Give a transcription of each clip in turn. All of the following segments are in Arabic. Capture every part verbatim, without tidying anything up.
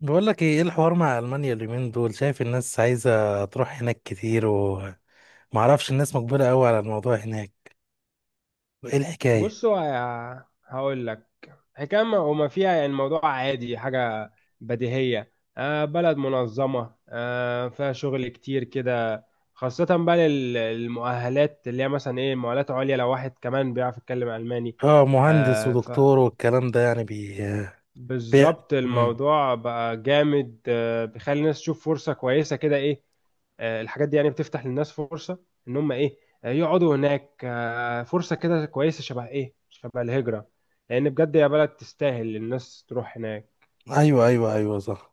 بقول لك ايه، إيه الحوار مع المانيا اليومين دول؟ شايف الناس عايزه تروح هناك كتير ومعرفش الناس مجبره قوي على الموضوع هناك. ايه الحكايه؟ بصوا، هقول لك. حكاية ما وما فيها، يعني الموضوع عادي، حاجة بديهية. آه بلد منظمة، آه فيها شغل كتير كده، خاصة بقى لل- للمؤهلات اللي هي مثلا ايه، مؤهلات عليا، لو واحد كمان بيعرف يتكلم ألماني. اه، مهندس آه ودكتور والكلام ده يعني بي, بي... بالظبط مم. الموضوع بقى جامد، آه، بيخلي الناس تشوف فرصة كويسة كده، ايه. آه، الحاجات دي يعني بتفتح للناس فرصة ان هم ايه، آه، يقعدوا هناك، آه، فرصة كده كويسة، شبه ايه، شبه الهجرة، لان بجد يا بلد تستاهل الناس تروح هناك. ايوه ايوه ايوه صح.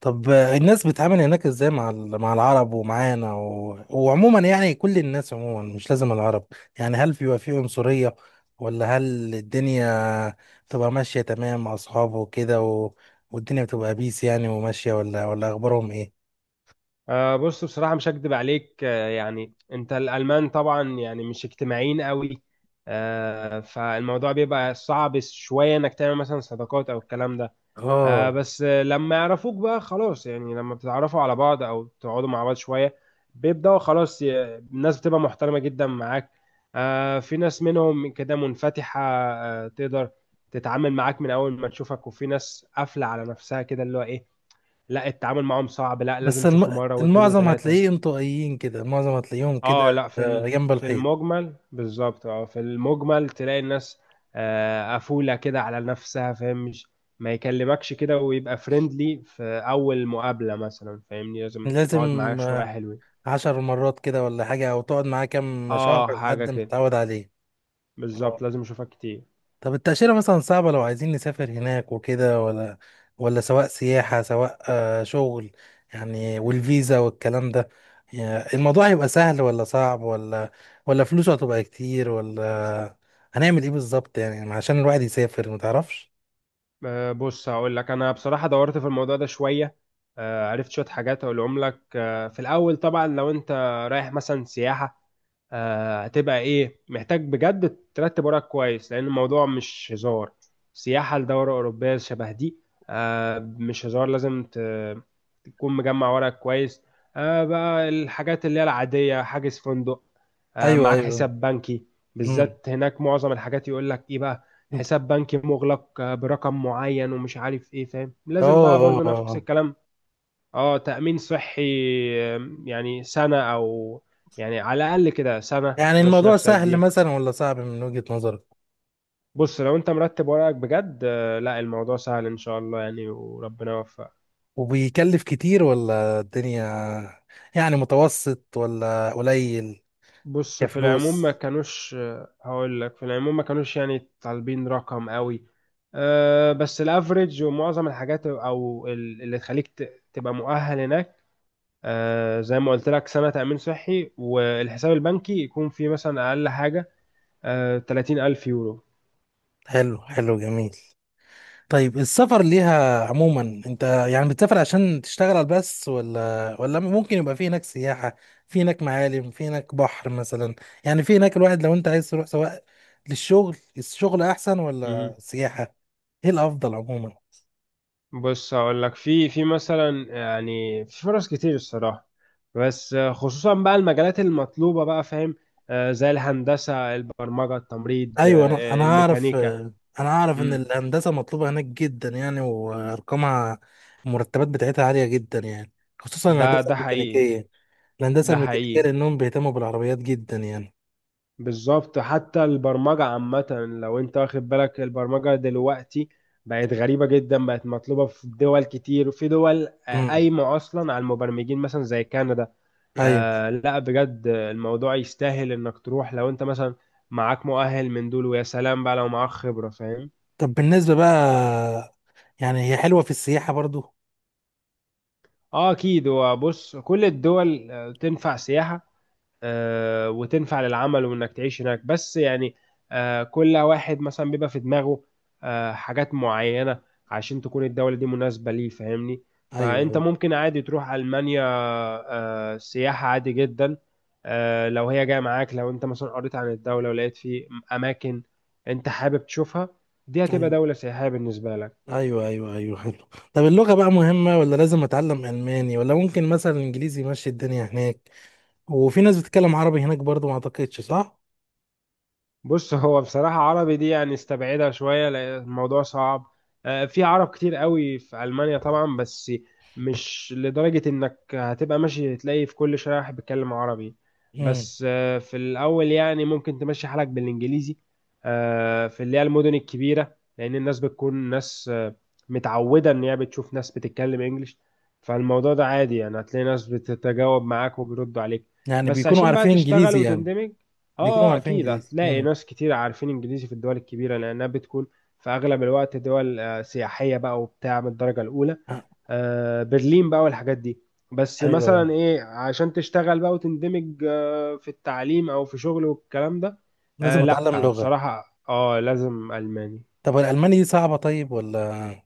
طب الناس بتتعامل هناك ازاي مع ال- مع العرب ومعانا و... وعموما، يعني كل الناس عموما، مش لازم العرب. يعني هل بيبقى في عنصرية، ولا هل الدنيا بتبقى ماشية تمام مع أصحابه وكده و... والدنيا بتبقى بيس يعني وماشية، ولا ولا أخبارهم إيه؟ آه، بص، بصراحة مش هكدب عليك، آه، يعني انت الالمان طبعا يعني مش اجتماعيين قوي. آه، فالموضوع بيبقى صعب شوية انك تعمل مثلا صداقات او الكلام ده. آه اه. بس، آه، لما يعرفوك بقى خلاص، يعني لما بتتعرفوا على بعض او تقعدوا مع بعض شويه، بيبداوا خلاص ي- الناس بتبقى محترمه جدا معاك. آه في ناس منهم كده منفتحه، آه تقدر تتعامل معاك من اول ما تشوفك، وفي ناس قافله على نفسها كده اللي هو ايه، لا التعامل معاهم صعب، لا بس لازم تشوفه الم... مره واثنين المعظم وثلاثه. هتلاقيه انطوائيين كده، المعظم هتلاقيهم كده، اه لا، في آه، ال- جنب في الحيط. المجمل، بالظبط، اه في المجمل تلاقي الناس آه، قفولة كده على نفسها، فاهم، مش ما يكلمكش كده ويبقى فريندلي في أول مقابلة مثلا، فاهمني، لازم لازم تقعد معاه شوية آه، حلوين. عشر مرات كده ولا حاجة، أو تقعد معاه كام شهر اه حاجة لحد ما كده، تتعود عليه. بالظبط لازم اشوفك كتير. طب التأشيرة مثلا صعبة لو عايزين نسافر هناك وكده، ولا ولا سواء سياحة سواء آه، شغل، يعني والفيزا والكلام ده، يعني الموضوع هيبقى سهل ولا صعب، ولا ولا فلوسه هتبقى كتير، ولا هنعمل ايه بالظبط؟ يعني عشان الواحد يسافر متعرفش. آه، بص هقول لك، انا بصراحة دورت في الموضوع ده شوية، آه، عرفت شوية حاجات اقولهم لك. آه، في الاول طبعا لو انت رايح مثلا سياحة، آه، هتبقى ايه، محتاج بجد ترتب وراك كويس لان الموضوع مش هزار. سياحة لدورة أوروبية شبه دي، آه، مش هزار، لازم ت- تكون مجمع وراك كويس. آه، بقى الحاجات اللي هي العادية: حاجز فندق، آه، ايوه معاك ايوه. حساب بنكي، امم. بالذات هناك معظم الحاجات يقول لك ايه بقى، اه. حساب بنكي مغلق، آه، برقم معين ومش عارف ايه، فاهم، لازم بقى اه برضو نفس آه. الكلام. اه تأمين صحي، آم، يعني سنة، أو يعني على الأقل كده سنة يعني تمشي الموضوع نفسك سهل بيها. مثلا ولا صعب من وجهة نظرك؟ بص، لو أنت مرتب ورقك بجد، آه، لا الموضوع سهل إن شاء الله، يعني وربنا يوفقك. وبيكلف كتير ولا الدنيا يعني متوسط ولا قليل؟ بص، في العموم كفلوس. ما كانوش، آه، هقول لك، في العموم ما كانوش يعني طالبين رقم قوي. آه، بس الافريج ومعظم الحاجات او ال- اللي تخليك ت- تبقى مؤهل هناك، آه، زي ما قلت لك سنة تأمين صحي، والحساب البنكي يكون فيه مثلا أقل حاجة آه، ثلاثين ألف حلو حلو جميل. طيب السفر ليها عموما، انت يعني بتسافر عشان تشتغل بس، ولا ولا ممكن يبقى في هناك سياحة، في هناك معالم، في هناك بحر مثلا؟ يعني في هناك الواحد لو انت عايز تروح، سواء للشغل الشغل احسن يورو. ولا سياحة؟ ايه الافضل عموما؟ بص هقول لك، في في مثلا، يعني في فرص كتير الصراحه، بس آه، خصوصا بقى المجالات المطلوبه بقى، فاهم، آه، زي الهندسه، البرمجه، التمريض، ايوه، انا انا آه، اعرف، الميكانيكا. انا اعرف ان مم. الهندسة مطلوبة هناك جدا يعني، وارقامها المرتبات بتاعتها عالية جدا يعني، خصوصا ده الهندسة ده حقيقي، الميكانيكية. الهندسة ده الميكانيكية حقيقي، لانهم بيهتموا بالعربيات جدا يعني. بالظبط. حتى البرمجه عامه، لو انت واخد بالك البرمجه دلوقتي بقت غريبه جدا، بقت مطلوبه في دول كتير، وفي دول آه، امم. قايمه اصلا على المبرمجين، مثلا زي كندا. ايوه. آه لا بجد الموضوع يستاهل انك تروح، لو انت مثلا معاك مؤهل من دول، ويا سلام بقى لو معاك خبرة، فاهم. طب بالنسبه بقى، يعني هي حلوه في السياحه برضو؟ اه اكيد، هو بص كل الدول آه، تنفع سياحة، آه، وتنفع للعمل وانك تعيش هناك، بس يعني آه، كل واحد مثلا بيبقى في دماغه آه، حاجات معينة عشان تكون الدولة دي مناسبة ليه، فاهمني. فانت ايوه ممكن عادي تروح ألمانيا آه، سياحة عادي جدا، آه، لو هي جاية معاك، لو انت مثلا قريت عن الدولة ولقيت في اماكن انت حابب تشوفها، دي هتبقى ايوه دولة سياحية بالنسبة لك. ايوه ايوه ايوه حلو. طب اللغه بقى مهمه، ولا لازم اتعلم الماني، ولا ممكن مثلا انجليزي يمشي الدنيا هناك؟ وفي ناس بتتكلم عربي هناك برضو ما اعتقدش، صح؟ بص، هو بصراحة عربي دي يعني استبعدها شوية، لأن الموضوع صعب. آه، في عرب كتير قوي في ألمانيا طبعا، بس مش لدرجة إنك هتبقى ماشي تلاقي في كل شارع واحد بيتكلم عربي. امم. بس آه، في الأول يعني ممكن تمشي حالك بالإنجليزي آه، في اللي هي المدن الكبيرة، لأن الناس بتكون ناس آه، متعودة إن هي بتشوف ناس بتتكلم إنجليش، فالموضوع ده عادي، يعني هتلاقي ناس بتتجاوب معاك وبيردوا عليك. يعني بس بيكونوا عشان بقى عارفين تشتغل انجليزي يعني. وتندمج بيكونوا اه آه، عارفين اكيد انجليزي. هتلاقي امم. ناس كتير عارفين انجليزي في الدول الكبيره، لانها بتكون في اغلب الوقت دول آه، سياحيه بقى، وبتاع من الدرجه الاولى، آه، آه، برلين بقى والحاجات دي. بس ايوه. أيوة. مثلا ايه، عشان تشتغل بقى وتندمج آه، في التعليم او في شغل والكلام ده، آه، لازم اتعلم لا لغه. بصراحه اه لازم الماني. طب الالماني دي صعبه طيب، ولا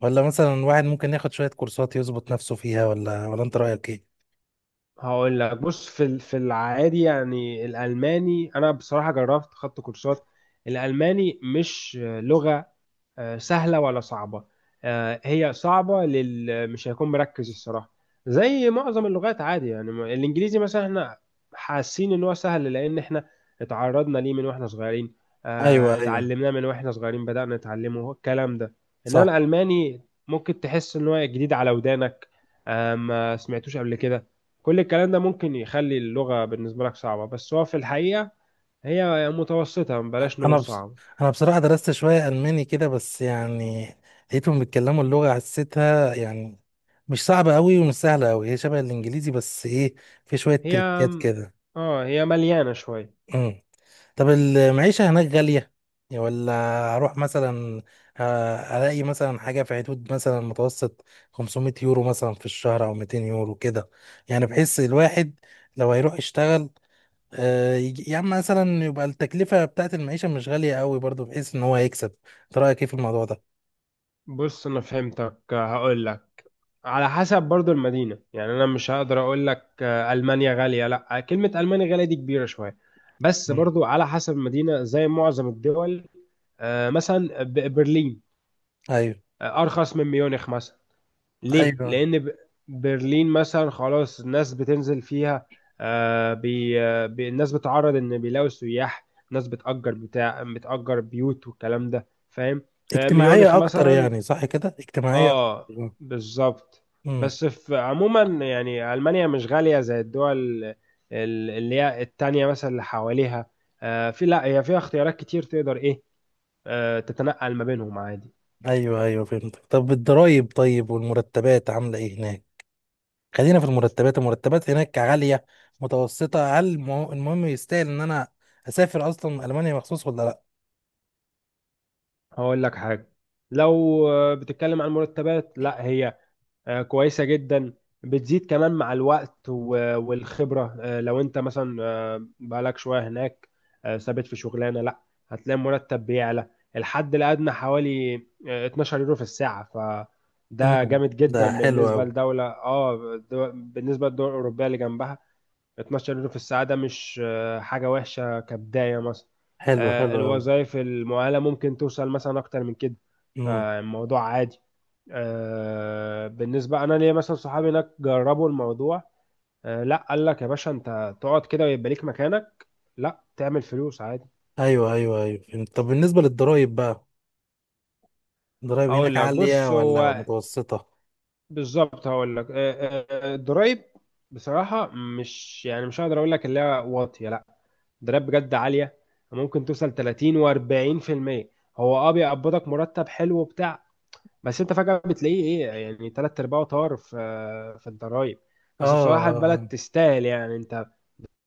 ولا مثلا واحد ممكن ياخد شويه كورسات يظبط نفسه فيها، ولا ولا انت رايك ايه؟ هقول لك، بص في ال- في العادي يعني الالماني، انا بصراحه جربت خدت كورسات، الالماني مش لغه آه، سهلة ولا صعبة، آه، هي صعبة لل مش هيكون مركز الصراحة، زي معظم اللغات عادي، يعني ما- الإنجليزي مثلا احنا حاسين إن هو سهل لأن احنا اتعرضنا ليه من واحنا صغيرين، ايوه آه، ايوه اتعلمناه من واحنا صغيرين بدأنا نتعلمه، هو الكلام ده. إنما صح. الألماني ممكن تحس إن هو جديد على ودانك، آه، ما سمعتوش قبل كده، كل الكلام ده ممكن يخلي اللغة بالنسبة لك صعبة، بس هو في الحقيقة هي متوسطة، بلاش انا نقول بص... صعبة. انا بصراحه درست شويه الماني كده بس يعني، لقيتهم بيتكلموا اللغه، حسيتها يعني مش صعبه قوي ومش سهله قوي، هي شبه الانجليزي، بس ايه، في شويه هي تريكات كده. اه هي مليانة شوية. امم. طب المعيشه هناك غاليه يا ولا؟ اروح مثلا آه، الاقي مثلا حاجه في حدود مثلا متوسط خمسمية يورو مثلا في الشهر، او ميتين يورو كده، يعني بحس الواحد لو هيروح يشتغل، آه، يجي- يا عم، مثلا يبقى التكلفة بتاعت المعيشة مش غالية قوي برضو بحيث ان هو يكسب. انت رأيك ايه في الموضوع ده؟ بص انا فهمتك، هقول لك، على حسب برضو المدينة. يعني انا مش هقدر اقول لك آه، المانيا غالية، لا، كلمة المانيا غالية دي كبيرة شوية، بس مم. برضو على حسب المدينة زي معظم الدول. آه، مثلا ب- برلين ايوه آه، ارخص من ميونخ مثلا. ليه؟ ايوه. لأن ب- برلين مثلا خلاص الناس بتنزل فيها، آه بي آه، بي الناس بتعرض إن بيلاقوا سياح، ناس بتأجر بتاع بتأجر بيوت والكلام ده، فاهم؟ آه ميونخ اجتماعية اكتر مثلا، يعني، صح كده، اجتماعية اه اكتر. بالظبط. امم. بس في عموما يعني ألمانيا مش غالية زي الدول ال- اللي هي التانية مثلا اللي حواليها. آه في لا هي فيها اختيارات كتير، تقدر إيه آه تتنقل ما بينهم عادي. ايوه ايوه فهمت. طب الضرايب طيب والمرتبات عاملة ايه هناك؟ خلينا في المرتبات. المرتبات هناك عالية متوسطة؟ هل مه- المهم يستاهل ان انا اسافر اصلا المانيا مخصوص ولا لا؟ هقول لك حاجة، لو آه، بتتكلم عن مرتبات، لا هي آه، كويسة جدا، بتزيد كمان مع الوقت و- والخبرة، آه، لو انت مثلا آه، بقالك شوية هناك آه، ثابت في شغلانة، لا هتلاقي مرتب بيعلى. الحد الأدنى حوالي آه، اتناشر يورو في الساعة، فده امم. جامد ده جدا حلو بالنسبة قوي. لدولة، اه دو- بالنسبة للدول الأوروبية اللي جنبها. اتناشر يورو في الساعة، ده مش آه، حاجة وحشة كبداية مثلا. حلو آه، حلو قوي. الوظائف المؤهلة ممكن توصل مثلا أكتر من كده. امم. فالموضوع عادي، آه، بالنسبة أنا ليا مثلا صحابي هناك جربوا الموضوع، آه، لا قال لك يا باشا أنت تقعد كده ويبقى ليك مكانك، لا تعمل فلوس عادي. ايوه ايوه ايوه فهمت. طب بالنسبة للضرايب بقى، ضرايب هناك هقول لك، بص عالية ولا هو متوسطة؟ بالظبط، هقول لك آه، آه، آه، الضرايب بصراحه مش، يعني مش هقدر اقول لك اللي هي واطيه، لا الضرايب بجد عاليه، ممكن توصل تلاتين و40%. هو اه بيقبضك مرتب حلو وبتاع، بس انت فجاه بتلاقيه ايه، يعني تلات ارباعه طار في في الضرايب. اه بس بصراحه آه، البلد آه. تستاهل، يعني انت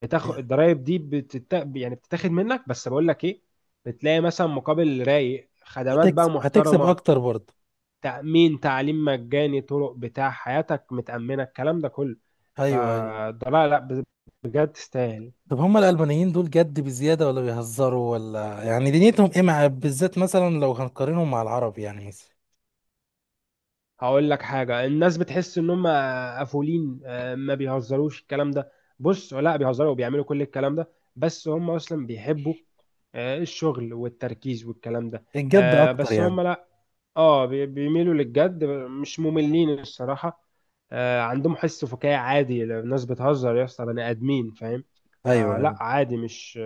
بتاخد الضرايب دي بتت... يعني بتتاخد منك، بس بقول لك ايه، بتلاقي مثلا مقابل رايق، خدمات بقى هتكسب، هتكسب محترمه، اكتر برضه. تأمين، تعليم مجاني، طرق، بتاع حياتك متأمنة، الكلام ده كله، ايوه ايوه. فده لا لا ب- بجد تستاهل. طب هما الألبانيين دول جد بزيادة ولا بيهزروا، ولا يعني دنيتهم ايه، مع بالذات مثلا لو هنقارنهم مع العرب يعني مثلا؟ هقول لك حاجة، الناس بتحس ان هم قفولين آه، ما بيهزروش الكلام ده. بص لا، بيهزروا وبيعملوا كل الكلام ده، بس هم اصلا بيحبوا آه، الشغل والتركيز والكلام ده، الجد آه، اكتر بس يعني. هم لا، اه بي- بيميلوا للجد، مش مملين الصراحة. آه عندهم حس فكاهي عادي، لو الناس بتهزر يا اسطى بني آدمين، فاهم، ايوه فلا ايوه عادي، مش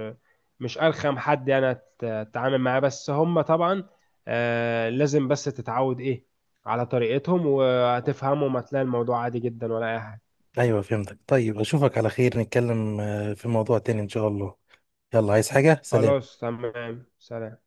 مش أرخم حد يعني، أت- أتعامل معاه، بس هم طبعا آه لازم بس تتعود إيه على طريقتهم وهتفهمهم، هتلاقي الموضوع عادي جدا ولا أي حاجة. ايوه فهمتك. طيب اشوفك على خير، نتكلم آه، في موضوع تاني ان شاء الله. يلا، عايز حاجة؟ سلام. خلاص، تمام، سلام.